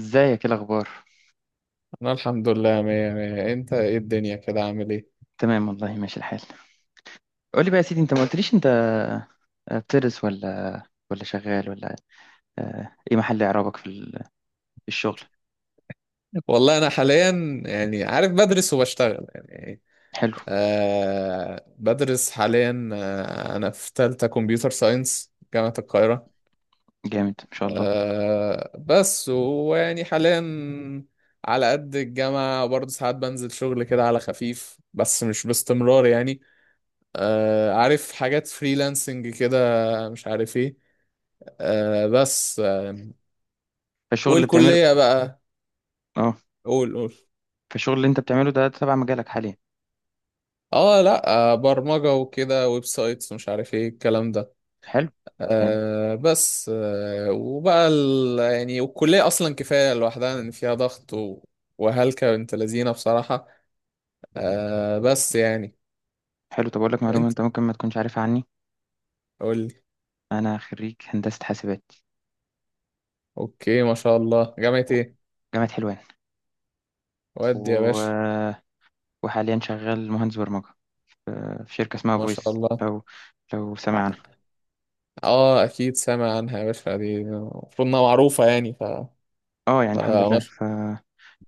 ازيك، ايه الاخبار؟ انا الحمد لله مية مية. انت ايه الدنيا كده عامل ايه؟ تمام والله، ماشي الحال. قول لي بقى يا سيدي، انت ما قلتليش. انت بتدرس ولا ولا شغال ولا، ايه محل اعرابك في الشغل؟ والله انا حاليا يعني عارف بدرس وبشتغل يعني. حلو. آه، بدرس حاليا. انا في تالتة كمبيوتر ساينس جامعة القاهرة. جامد ما شاء الله. بس ويعني حاليا على قد الجامعة برضه، ساعات بنزل شغل كده على خفيف بس مش باستمرار يعني. عارف حاجات فريلانسنج كده، مش عارف ايه. بس فالشغل اللي بتعمله والكلية بقى. اه. قول قول. فالشغل اللي انت بتعمله ده تبع مجالك حاليا؟ اه، لا. برمجة وكده، ويب سايتس ومش عارف ايه الكلام ده. حلو. يعني بس وبقى يعني والكلية اصلا كفاية لوحدها، ان فيها ضغط وهلكة بنت لذينة بصراحة. بس يعني. حلو. طب اقول لك معلومه انت، انت ممكن ما تكونش عارفها عني. قول لي. انا خريج هندسه حاسبات، اوكي، ما شاء الله. جامعة ايه؟ جامعه حلوان، ودي يا باشا. و... وحاليا شغال مهندس برمجه، في شركه اسمها ما شاء فويس. الله. لو لو سمعنا. اه، اكيد سامع عنها يا باشا. دي المفروض انها معروفة يعني اه يعني الحمد لله، فمش...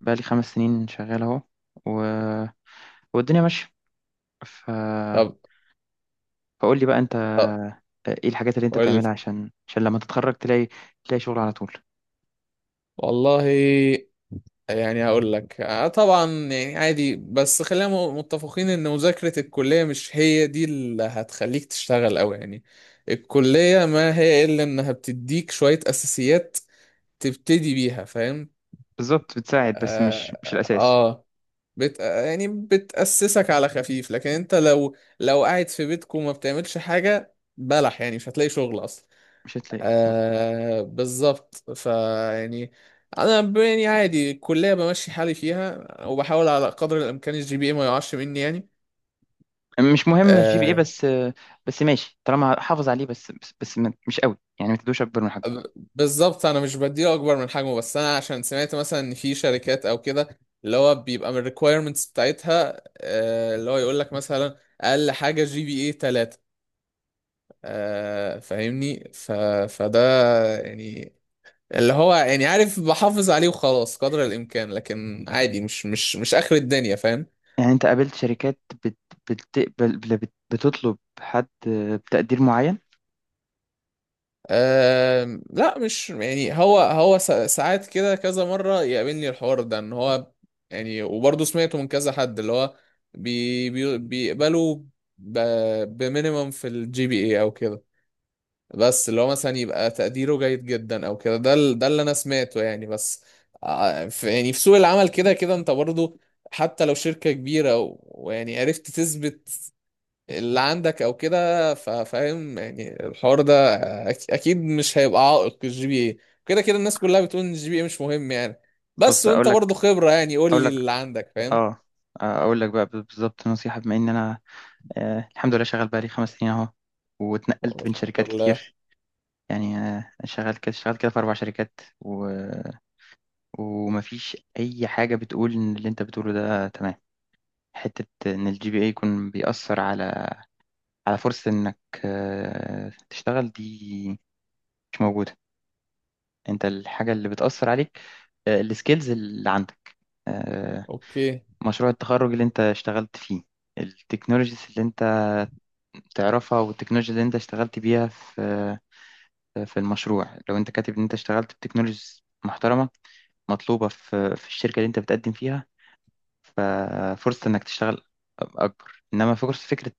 بقالي 5 سنين شغال اهو، و... والدنيا ماشية. ف... طب. فقول لي بقى انت، طب ايه الحاجات اللي انت قول لي. بتعملها عشان لما تتخرج تلاقي، تلاقي شغل على طول. والله يعني هقول لك، طبعا يعني عادي، بس خلينا متفقين ان مذاكرة الكلية مش هي دي اللي هتخليك تشتغل قوي يعني. الكلية ما هي الا انها بتديك شوية اساسيات تبتدي بيها، فاهم؟ بالظبط بتساعد، بس مش اه، الأساس. آه. يعني بتأسسك على خفيف، لكن انت لو قاعد في بيتك وما بتعملش حاجة بلح، يعني مش هتلاقي شغل اصلا. مش هتلاقي، مظبوط. بالظبط فيعني، انا يعني عادي الكليه بمشي حالي فيها، وبحاول على قدر الامكان الجي بي اي ما يقعش مني يعني. مش مهم الجي بي ايه آه بس، بس ماشي طالما حافظ عليه، بس بس, بس ما- مش قوي، يعني ما تدوش اكبر من ب- حجمه. بالظبط انا مش بديله اكبر من حجمه، بس انا عشان سمعت مثلا ان في شركات او كده اللي هو بيبقى من الريكويرمنتس بتاعتها، اللي هو يقول لك مثلا اقل حاجه جي بي اي 3. فاهمني فده يعني، اللي هو يعني عارف، بحافظ عليه وخلاص قدر الامكان، لكن عادي مش اخر الدنيا، فاهم؟ يعني انت قابلت شركات بت بتقبل بل- بت بتطلب حد بتقدير معين؟ أه، لا مش يعني. هو ساعات كده، كذا مره يقابلني الحوار ده ان هو، يعني وبرضه سمعته من كذا حد، اللي هو بي بي بيقبلوا بمينيمم في الجي بي اي او كده، بس اللي هو مثلا يبقى تقديره جيد جدا او كده، ده ده اللي انا سمعته يعني. بس في يعني في سوق العمل كده كده انت برضو، حتى لو شركة كبيرة ويعني عرفت تثبت اللي عندك او كده، فاهم يعني الحوار ده. اكيد مش هيبقى عائق الجي بي اي، كده كده الناس كلها بتقول ان الجي بي اي مش مهم يعني. بس بص، اقول وانت برضو لك خبرة، يعني قول اقول لي لك اللي عندك، فاهم؟ اه، اقول لك بقى بالظبط نصيحة. بما ان انا الحمد لله شغال بقالي 5 سنين اهو، واتنقلت بين الحمد شركات لله. كتير. يعني شغال كده شغال كده في 4 شركات، ومفيش اي حاجه بتقول ان اللي انت بتقوله ده تمام. حته ان الجي بي اي يكون بيأثر على، على فرصه انك تشتغل دي مش موجوده. انت الحاجه اللي بتأثر عليك السكيلز اللي عندك، آه، اوكي. مشروع التخرج اللي انت اشتغلت فيه، التكنولوجيز اللي انت تعرفها، والتكنولوجيا اللي انت اشتغلت بيها في، في المشروع. لو انت كاتب ان انت اشتغلت بتكنولوجيز محترمة مطلوبة في الشركة اللي انت بتقدم فيها، ففرصة انك تشتغل اكبر. انما فرصة فكرة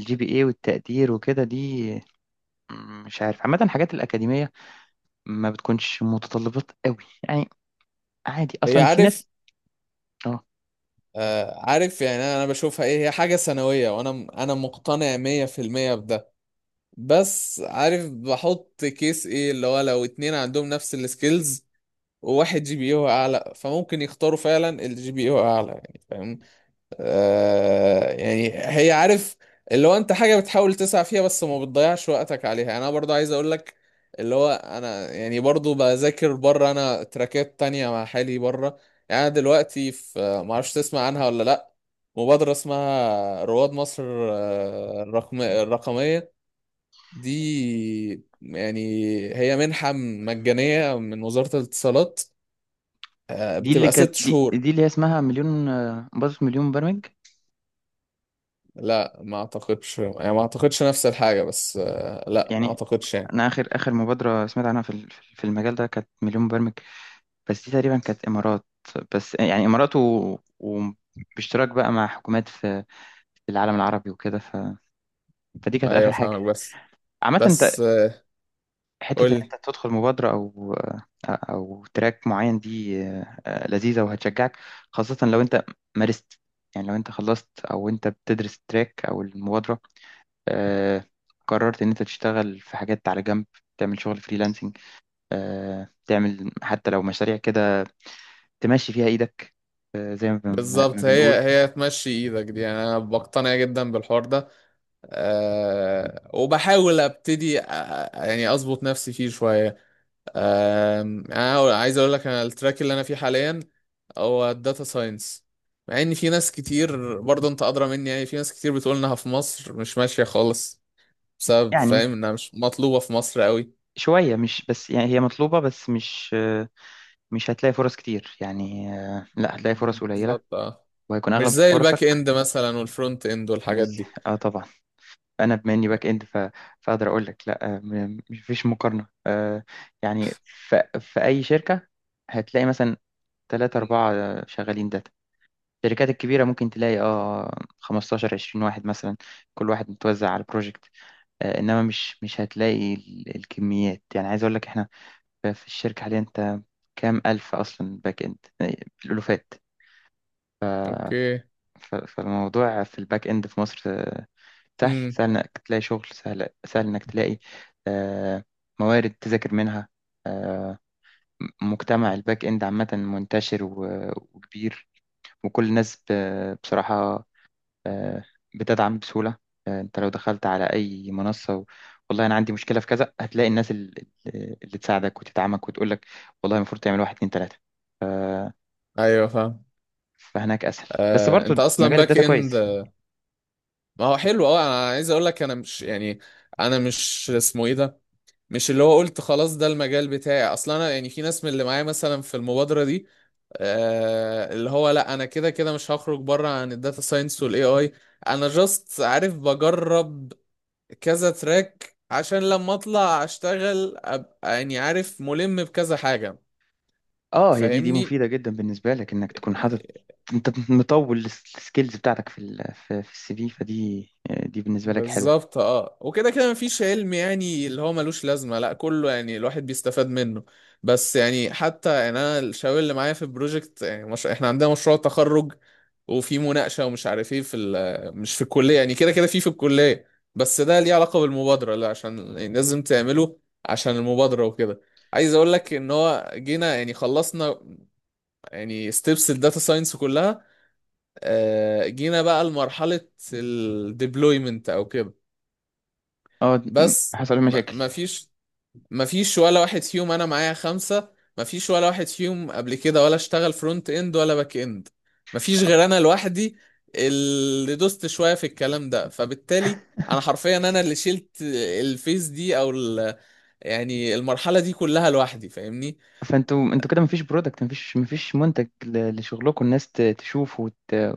الجي بي اي والتقدير وكده دي مش عارف، عامة الحاجات الأكاديمية ما بتكونش متطلبات قوي، يعني عادي. هي، أصلا في عارف. ناس. اه، عارف يعني. انا، بشوفها ايه، هي حاجه سنويه، وانا مقتنع 100% بده. بس عارف بحط كيس ايه، اللي هو لو اتنين عندهم نفس السكيلز، وواحد جي بي يو اعلى، فممكن يختاروا فعلا الجي بي يو اعلى، يعني فاهم؟ يعني، هي، عارف اللي هو انت حاجة بتحاول تسعى فيها بس ما بتضيعش وقتك عليها. يعني انا برضو عايز اقول لك، اللي هو انا يعني برضو بذاكر بره، انا تراكات تانية مع حالي بره. يعني انا دلوقتي في، ما اعرفش تسمع عنها ولا لا، مبادرة اسمها رواد مصر، الرقم الرقمية دي يعني. هي منحة مجانية من وزارة الاتصالات، دي اللي بتبقى كانت، ست دي, شهور. دي اللي هي اسمها مليون، مبادرة مليون مبرمج لا، ما اعتقدش يعني، ما اعتقدش نفس الحاجة، بس لا ما يعني. اعتقدش يعني. أنا آخر مبادرة سمعت عنها في المجال ده كانت مليون مبرمج. بس دي تقريبا كانت إمارات، بس يعني إمارات وباشتراك بقى مع حكومات في، في العالم العربي وكده. فدي كانت ايوه آخر حاجة. فاهمك، بس. عامة أنت، بس قول حتة إن لي. أنت تدخل مبادرة أو، تراك معين دي لذيذة وهتشجعك، خاصة لو أنت مارست. يعني لو أنت خلصت، أو أنت بتدرس التراك أو المبادرة آه، قررت إن أنت تشتغل في حاجات على جنب، تعمل شغل فريلانسنج، تعمل حتى لو مشاريع كده تمشي فيها إيدك، زي ما بالظبط، هي بنقول هي تمشي ايدك دي، يعني انا بقتنع جدا بالحوار ده. أه، وبحاول ابتدي يعني اظبط نفسي فيه شوية. أه، انا عايز اقول لك، انا التراك اللي انا فيه حاليا هو الداتا ساينس، مع ان في ناس كتير برضه، انت ادرى مني، يعني في ناس كتير بتقول انها في مصر مش ماشية خالص، بسبب، يعني. فاهم، انها مش مطلوبة في مصر قوي. شوية، مش بس يعني هي مطلوبة بس مش هتلاقي فرص كتير، يعني لا هتلاقي فرص قليلة، بالظبط، اه. وهيكون مش أغلب زي الباك فرصك اند مثلا والفرونت اند والحاجات مش دي. اه طبعا. أنا بما إني باك إند، فأقدر أقول لك لا مفيش مقارنة. يعني في أي شركة هتلاقي مثلا تلاتة مم. أربعة شغالين داتا. الشركات الكبيرة ممكن تلاقي اه 15 20 واحد مثلا، كل واحد متوزع على البروجكت. إنما مش هتلاقي الكميات، يعني عايز أقول لك في الشركة حاليا أنت كام ألف أصلا باك إند، يعني الألوفات. اوكي. فالموضوع في الباك إند في مصر سهل امم سهل إنك تلاقي شغل، سهل سهل إنك تلاقي آه، موارد تذاكر منها. آه، مجتمع الباك إند عامة منتشر وكبير، وكل الناس بصراحة بتدعم بسهولة. أنت لو دخلت على أي منصة والله أنا عندي مشكلة في كذا، هتلاقي الناس اللي تساعدك وتدعمك وتقولك والله المفروض تعمل واحد اتنين تلاتة. ايوه، فاهم. فهناك اسهل، بس برضو انت اصلا مجال باك الداتا كويس. اند، ما هو حلو. اه، انا عايز اقول لك، انا مش يعني، انا مش اسمه ايه ده، مش اللي هو قلت خلاص ده المجال بتاعي اصلا. انا يعني في ناس من اللي معايا مثلا في المبادره دي، اللي هو لا، انا كده كده مش هخرج بره عن الداتا ساينس والاي اي. انا جاست عارف بجرب كذا تراك، عشان لما اطلع اشتغل ابقى يعني عارف، ملم بكذا حاجة، اه، هي دي، فاهمني. مفيده جدا بالنسبه لك، انك تكون حاطط، انت مطول السكيلز بتاعتك في في السي في، فدي دي بالنسبه لك حلوه. بالظبط، اه، وكده كده مفيش علم يعني اللي هو ملوش لازمة، لا كله يعني الواحد بيستفاد منه. بس يعني، حتى يعني انا، الشباب اللي معايا في البروجكت يعني مش... احنا عندنا مشروع تخرج وفي مناقشة ومش عارف ايه، في مش في الكلية، يعني كده كده في الكلية، بس ده ليه علاقة بالمبادرة؟ لا، عشان يعني لازم تعمله عشان المبادرة وكده. عايز اقول لك ان هو جينا، يعني خلصنا يعني ستيبس الداتا ساينس كلها، جينا بقى لمرحلة الديبلويمنت او كده. اه، بس حصل ما مشاكل. ما فيش، ما فيش ولا واحد فيهم. انا معايا خمسة، ما فيش ولا واحد فيهم قبل كده ولا اشتغل فرونت اند ولا باك اند، ما فيش غير انا لوحدي، اللي دوست شوية في الكلام ده. فبالتالي انا حرفيا انا اللي شلت الفيس دي او يعني المرحلة دي كلها لوحدي، فاهمني. فانتوا كده مفيش برودكت، مفيش منتج لشغلكم الناس تشوفه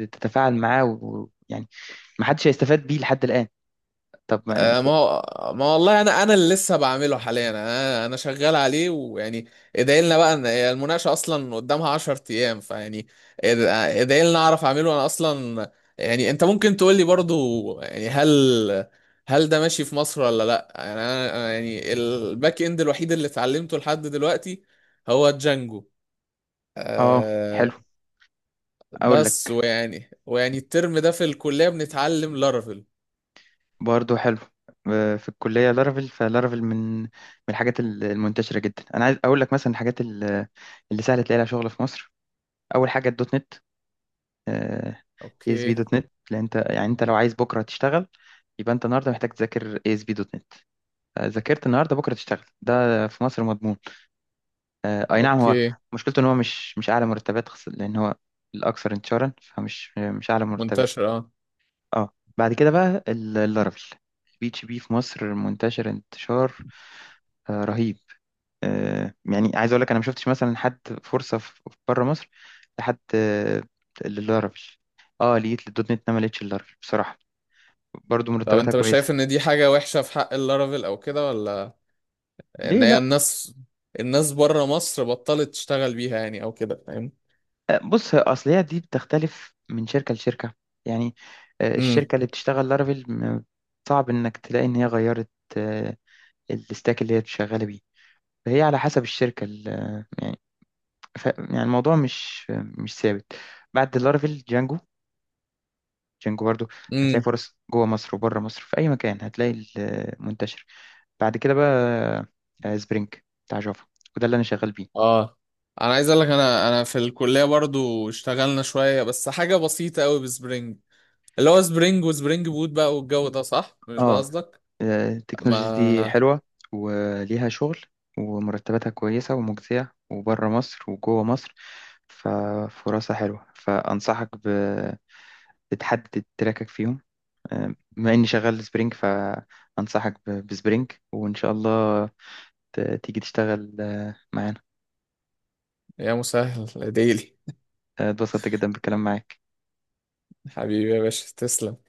وتتفاعل معاه، ويعني محدش هيستفاد بيه لحد الآن. طب ما انت ما هو، ما والله انا، اللي لسه بعمله حاليا. انا شغال عليه ويعني، ادعي لنا بقى ان هي المناقشه اصلا قدامها 10 ايام، فيعني اد- ادعي لنا اعرف اعمله انا اصلا. يعني انت ممكن تقول لي برضو، يعني هل، هل ده ماشي في مصر ولا لا؟ يعني انا، يعني الباك اند الوحيد اللي اتعلمته لحد دلوقتي هو جانجو. اه حلو. أه، اقول بس لك ويعني، الترم ده في الكليه بنتعلم لارافيل. برضه حلو. في الكلية لارافيل، فلارافيل من الحاجات المنتشرة جدا. أنا عايز أقول لك مثلا الحاجات اللي سهل تلاقي لها شغل في مصر، أول حاجة الدوت نت. اي اس بي اوكي. دوت نت، لأن أنت يعني أنت لو عايز بكرة تشتغل، يبقى أنت النهاردة محتاج تذاكر اي اس بي دوت نت. ذاكرت النهاردة، بكرة تشتغل، ده في مصر مضمون. أي نعم، هو اوكي. مشكلته إن هو مش أعلى مرتبات، لأن هو الأكثر انتشارا، فمش مش أعلى مرتبات. منتشر، اه. اه بعد كده بقى اللارافيل. البي اتش بي في مصر منتشر انتشار رهيب. يعني عايز اقول لك انا ما شفتش مثلا حد فرصه في بره مصر لحد للارافيل. اه لقيت للدوت نت، ما لقيتش اللارافيل بصراحه. برضو طب مرتباتها انت مش شايف كويسه. ان دي حاجة وحشة في حق اللارافيل او كده، ولا ان ليه هي لا. الناس، الناس بره مصر بطلت تشتغل بيها يعني او كده، فاهم؟ بص اصل هي دي بتختلف من شركه لشركه يعني. امم الشركه اللي بتشتغل لارافيل صعب انك تلاقي ان هي غيرت آه، الستاك اللي هي شغاله بيه. فهي على حسب الشركه يعني يعني الموضوع مش ثابت. بعد لارافيل جانجو. جانجو برضو هتلاقي امم فرص جوه مصر وبره مصر، في أي مكان هتلاقي منتشر. بعد كده بقى سبرينج بتاع جافا، وده اللي أنا شغال بيه. اه، انا عايز اقول لك، انا في الكلية برضو اشتغلنا شوية، بس حاجة بسيطة قوي بسبرينج، اللي هو سبرينج وسبرينج بوت بقى والجو ده، صح، اه. مش ده قصدك؟ التكنولوجيز دي ما. حلوة، وليها شغل، ومرتباتها كويسة ومجزية، وبره مصر وجوه مصر، ففرصها حلوة. فأنصحك بتحدد تراكك فيهم. بما إني شغال سبرينج فأنصحك بسبرينج، وإن شاء الله تيجي تشتغل معانا. يا مسهل يا ديلي. اتبسطت جدا بالكلام معاك. حبيبي يا باشا، تسلم.